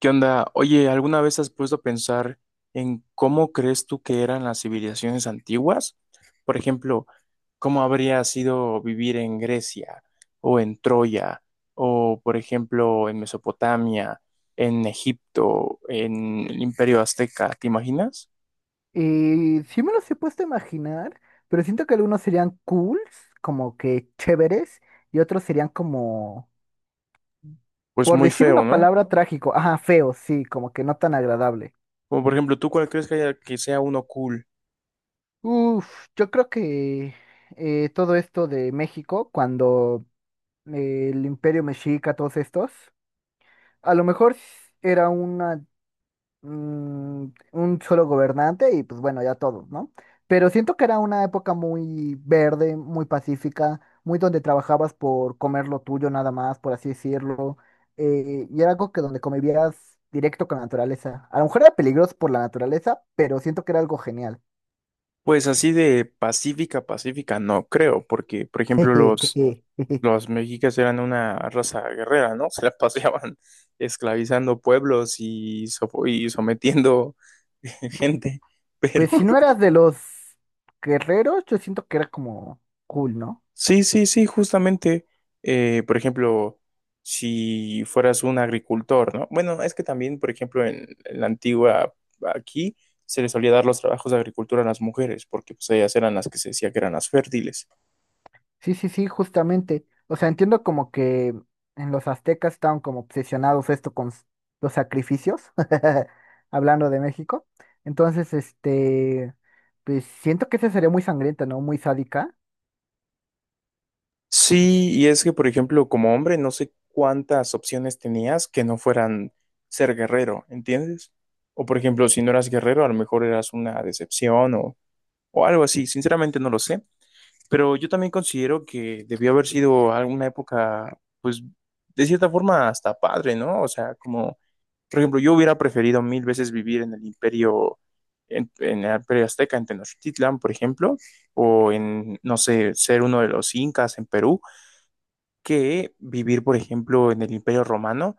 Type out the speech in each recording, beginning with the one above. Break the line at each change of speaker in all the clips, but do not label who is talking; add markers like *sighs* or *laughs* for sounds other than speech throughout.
¿Qué onda? Oye, ¿alguna vez has puesto a pensar en cómo crees tú que eran las civilizaciones antiguas? Por ejemplo, ¿cómo habría sido vivir en Grecia o en Troya o, por ejemplo, en Mesopotamia, en Egipto, en el Imperio Azteca? ¿Te imaginas?
Y sí me los he puesto a imaginar, pero siento que algunos serían cools, como que chéveres, y otros serían como,
Pues
por
muy
decir una
feo, ¿no?
palabra, trágico, ajá, feo, sí, como que no tan agradable.
Como por ejemplo, ¿tú cuál crees que haya que sea uno cool?
Uf, yo creo que todo esto de México, cuando el Imperio Mexica, todos estos, a lo mejor s- era una mm, un solo gobernante y pues bueno, ya todos, ¿no? Pero siento que era una época muy verde, muy pacífica, muy donde trabajabas por comer lo tuyo nada más, por así decirlo, y era algo que donde convivías directo con la naturaleza. A lo mejor era peligroso por la naturaleza, pero siento que era algo genial.
Pues así de pacífica, pacífica, no creo, porque, por ejemplo,
*laughs*
los mexicas eran una raza guerrera, ¿no? *laughs* Se las paseaban esclavizando pueblos y, sofo- y sometiendo *laughs* gente. Pero
Pues si no eras de los guerreros, yo siento que era como cool, ¿no?
sí, sí, sí, justamente, por ejemplo, si fueras un agricultor, ¿no? Bueno, es que también, por ejemplo, en la antigua aquí se les solía dar los trabajos de agricultura a las mujeres, porque pues ellas eran las que se decía que eran las fértiles.
Sí, sí, sí, justamente. O sea, entiendo como que en los aztecas estaban como obsesionados esto los sacrificios, *laughs* hablando de México. Entonces, este, pues siento que esa sería muy sangrienta, ¿no? Muy sádica.
Sí, y es que, por ejemplo, como hombre, no sé cuántas opciones tenías que no fueran ser guerrero, ¿entiendes? O, por ejemplo, si no eras guerrero, a lo mejor eras una decepción o algo así. Sinceramente no lo sé, pero yo también considero que debió haber sido alguna época, pues, de cierta forma hasta padre, ¿no? O sea, como, por ejemplo, yo hubiera preferido mil veces vivir en el imperio, en el imperio azteca, en Tenochtitlan, por ejemplo, o en, no sé, ser uno de los incas en Perú que vivir, por ejemplo, en el Imperio Romano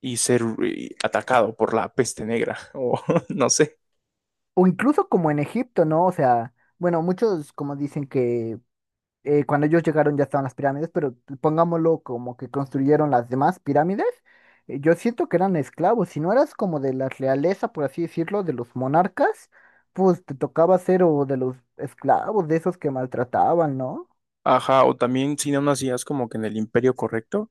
y ser atacado por la peste negra, *laughs* o no sé.
O incluso como en Egipto, ¿no? O sea, bueno, muchos como dicen que cuando ellos llegaron ya estaban las pirámides, pero pongámoslo como que construyeron las demás pirámides, yo siento que eran esclavos. Si no eras como de la realeza, por así decirlo, de los monarcas, pues te tocaba ser o de los esclavos, de esos que maltrataban, ¿no?
Ajá, o también si no nacías como que en el Imperio correcto,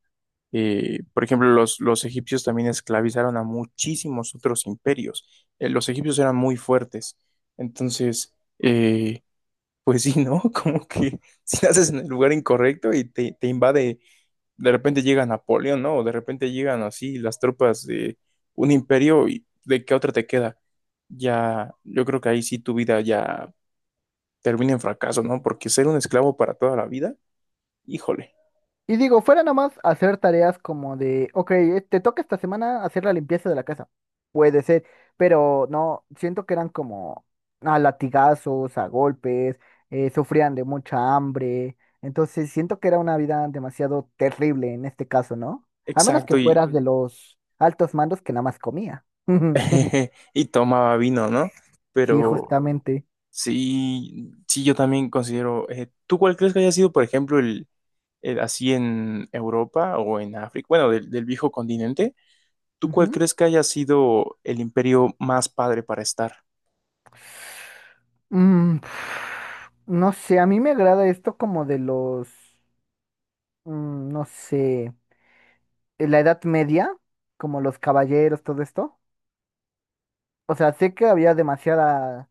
por ejemplo, los egipcios también esclavizaron a muchísimos otros imperios. Los egipcios eran muy fuertes. Entonces, pues sí, ¿no? *laughs* Como que si naces en el lugar incorrecto y te invade, de repente llega Napoleón, ¿no? O de repente llegan así las tropas de un imperio y ¿de qué otra te queda? Ya, yo creo que ahí sí tu vida ya termina en fracaso, ¿no? Porque ser un esclavo para toda la vida, híjole.
Y digo, fuera nomás hacer tareas como de, ok, te toca esta semana hacer la limpieza de la casa. Puede ser, pero no, siento que eran como a latigazos, a golpes, sufrían de mucha hambre. Entonces siento que era una vida demasiado terrible en este caso, ¿no? A menos que
Exacto, y,
fueras de los altos mandos que nada más comía. *laughs*
*laughs* y tomaba vino, ¿no?
Sí,
Pero
justamente.
sí, sí, yo también considero, ¿tú cuál crees que haya sido, por ejemplo, el así en Europa o en África, bueno, del viejo continente, ¿tú cuál
Ujú.
crees que haya sido el imperio más padre para estar?
Mm, *sighs* no sé, a mí me agrada esto como de los, no sé. En la Edad Media, como los caballeros, todo esto. O sea, sé que había demasiada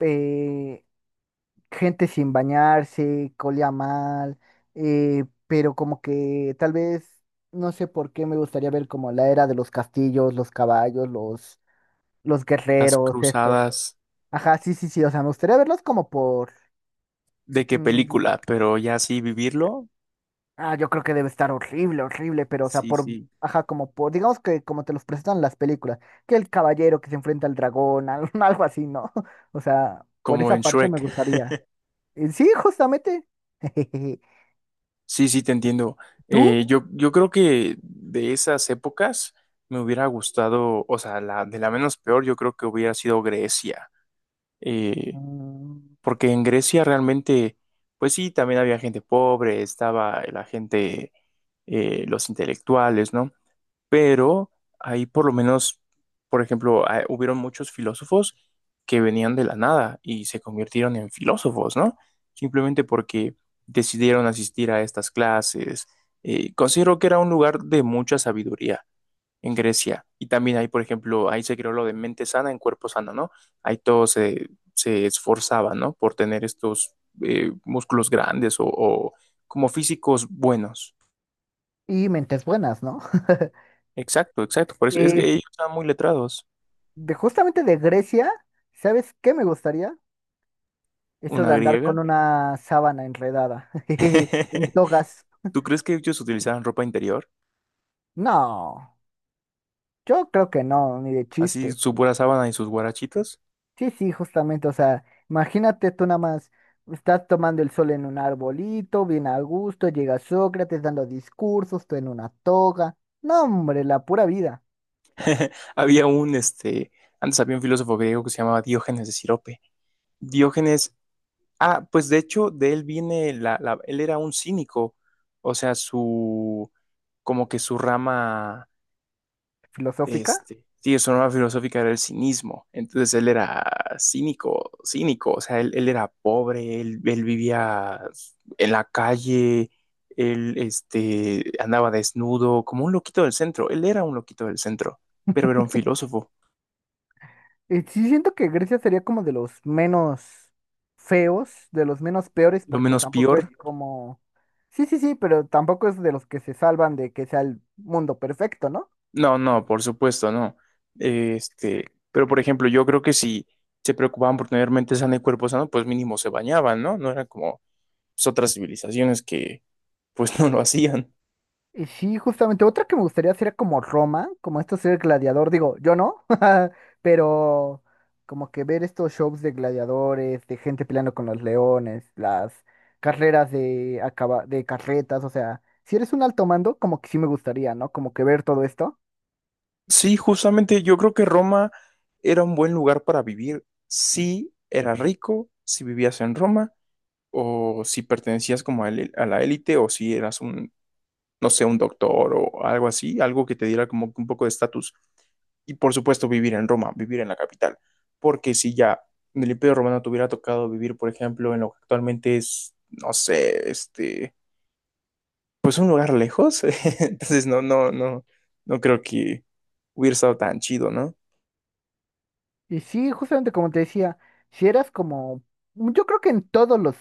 eh, gente sin bañarse, colía mal, pero como que tal vez, no sé por qué me gustaría ver como la era de los castillos, los caballos, los
Las
guerreros, estos.
cruzadas,
Ajá, sí, sí, sí, o sea, me gustaría verlos como por,
¿de qué
mm,
película? Pero ya sí vivirlo,
ah, yo creo que debe estar horrible, horrible, pero o sea,
sí,
por,
sí,
ajá, como por, digamos que como te los presentan las películas, que el caballero que se enfrenta al dragón, *laughs* algo así, ¿no? O sea, por
como
esa
en
parte me
Shrek.
gustaría. Sí, justamente. *laughs*
Sí, sí, te entiendo.
¿Tú?
Yo creo que de esas épocas me hubiera gustado, o sea, la, de la menos peor, yo creo que hubiera sido Grecia. Eh,
Mm,
porque en Grecia realmente, pues sí, también había gente pobre, estaba la gente los intelectuales, ¿no? Pero ahí por lo menos, por ejemplo, ah, hubieron muchos filósofos que venían de la nada y se convirtieron en filósofos, ¿no? Simplemente porque decidieron asistir a estas clases. Considero que era un lugar de mucha sabiduría en Grecia. Y también ahí, por ejemplo, ahí se creó lo de mente sana en cuerpo sano, ¿no? Ahí todos se, se esforzaban, ¿no? Por tener estos músculos grandes o como físicos buenos.
Y mentes buenas, ¿no? *laughs*
Exacto, exacto. Por eso es que
Eh,
ellos estaban muy letrados.
justamente de Grecia, ¿sabes qué me gustaría? Eso
Una
de andar con
griega.
una sábana enredada, *laughs* en
*laughs*
togas.
¿Tú crees que ellos utilizaban ropa interior?
No, yo creo que no, ni de
Así
chiste.
su pura sábana y sus guarachitos.
Sí, sí, justamente, o sea, imagínate tú nada más, estás tomando el sol en un arbolito, bien a gusto, llega Sócrates dando discursos, tú en una toga. No, hombre, la pura vida
*laughs* Había un, este, antes había un filósofo griego que se llamaba Diógenes de Sirope. Diógenes, ah, pues de hecho, de él viene la, la- él era un cínico. O sea, su, como que su rama
filosófica.
este, sí, su norma filosófica era el cinismo. Entonces él era cínico, cínico. O sea, él era pobre, él vivía en la calle, él este, andaba desnudo, como un loquito del centro. Él era un loquito del centro, pero era un filósofo.
Y sí siento que Grecia sería como de los menos feos, de los menos peores,
Lo
porque
menos
tampoco
peor.
es como... Sí, sí, sí, pero tampoco es de los que se salvan de que sea el mundo perfecto, ¿no?
No, no, por supuesto, no. Este, pero por ejemplo, yo creo que si se preocupaban por tener mente sana y cuerpo sano, pues mínimo se bañaban, ¿no? No eran como pues, otras civilizaciones que pues *laughs* no lo hacían.
Y sí, justamente otra que me gustaría sería como Roma, como esto ser gladiador, digo, yo no, *laughs* pero como que ver estos shows de gladiadores, de gente peleando con los leones, las carreras de carretas, o sea, si eres un alto mando, como que sí me gustaría, ¿no? Como que ver todo esto.
Sí, justamente yo creo que Roma era un buen lugar para vivir si eras rico, si vivías en Roma, o si pertenecías como a la élite, o si eras un, no sé, un doctor o algo así, algo que te diera como que un poco de estatus. Y por supuesto vivir en Roma, vivir en la capital, porque si ya en el Imperio Romano te hubiera tocado vivir, por ejemplo, en lo que actualmente es, no sé, este, pues un lugar lejos, *laughs* entonces no, no, no, no creo que hubiera estado tan chido, ¿no?
Y sí, justamente como te decía, si eras como, yo creo que en todos los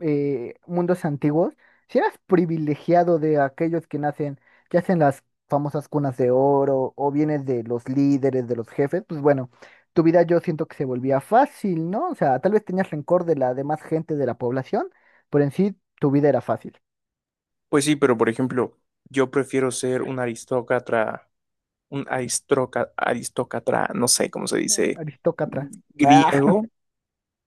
mundos antiguos, si eras privilegiado de aquellos que nacen, que hacen las famosas cunas de oro, o vienes de los líderes, de los jefes, pues bueno, tu vida yo siento que se volvía fácil, ¿no? O sea, tal vez tenías rencor de la demás gente de la población, pero en sí tu vida era fácil.
Pues sí, pero por ejemplo, yo prefiero ser un aristócrata, un aristroca- aristócrata, no sé cómo se dice,
Aristócrata. Ah,
griego,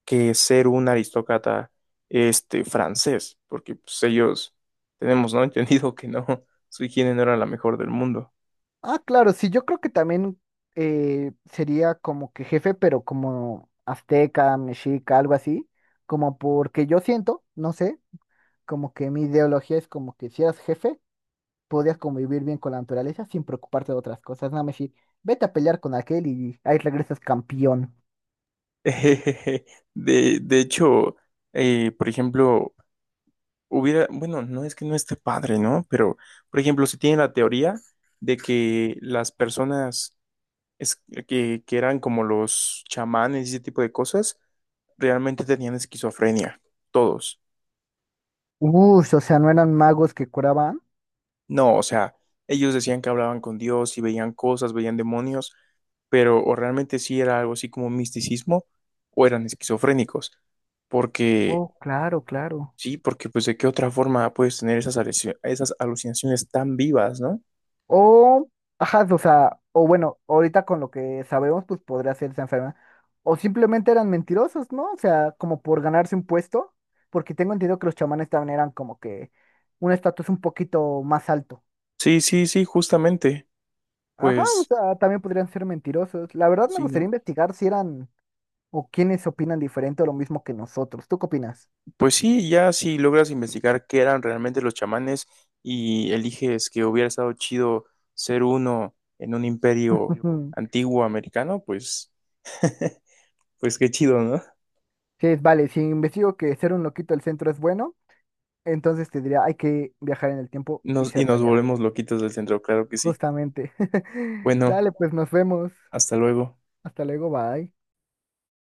que ser un aristócrata este, francés, porque pues, ellos tenemos, ¿no? *laughs* Entendido que no, su higiene no era la mejor del mundo.
ah, claro, sí, yo creo que también sería como que jefe, pero como azteca, mexica, algo así, como porque yo siento, no sé, como que mi ideología es como que si eras jefe, podías convivir bien con la naturaleza sin preocuparte de otras cosas, nada más decir, vete a pelear con aquel y ahí regresas campeón.
*laughs* De hecho, por ejemplo, hubiera, bueno, no es que no esté padre, ¿no? Pero, por ejemplo, se tiene la teoría de que las personas es que eran como los chamanes y ese tipo de cosas, realmente tenían esquizofrenia, todos.
Uy, o sea, no eran magos que curaban.
No, o sea, ellos decían que hablaban con Dios y veían cosas, veían demonios, pero o realmente sí era algo así como misticismo o eran esquizofrénicos, porque
Oh, claro, claro.
sí, porque pues de qué otra forma puedes tener esas, aluci- esas alucinaciones tan vivas, ¿no?
O, ajá, o sea, o bueno, ahorita con lo que sabemos, pues podría ser esa enferma. O simplemente eran mentirosos, ¿no? O sea, como por ganarse un puesto, porque tengo entendido que los chamanes también eran como que un estatus un poquito más alto.
Sí, sí, sí, justamente,
Ajá, o
pues
sea, también podrían ser mentirosos. La verdad me
sí,
gustaría
¿no?
investigar si eran o quiénes opinan diferente o lo mismo que nosotros. ¿Tú qué opinas?
Pues sí, ya si logras investigar qué eran realmente los chamanes y eliges que hubiera estado chido ser uno en un imperio
Ujú. *laughs*
antiguo americano, pues, *laughs* pues qué chido, ¿no?
Sí, vale, si investigo que ser un loquito del centro es bueno, entonces te diría, hay que viajar en el tiempo y
Nos, y
ser de
nos
allá.
volvemos loquitos del centro, claro que sí.
Justamente. *laughs*
Bueno,
Dale, pues nos vemos.
hasta luego.
Hasta luego, bye.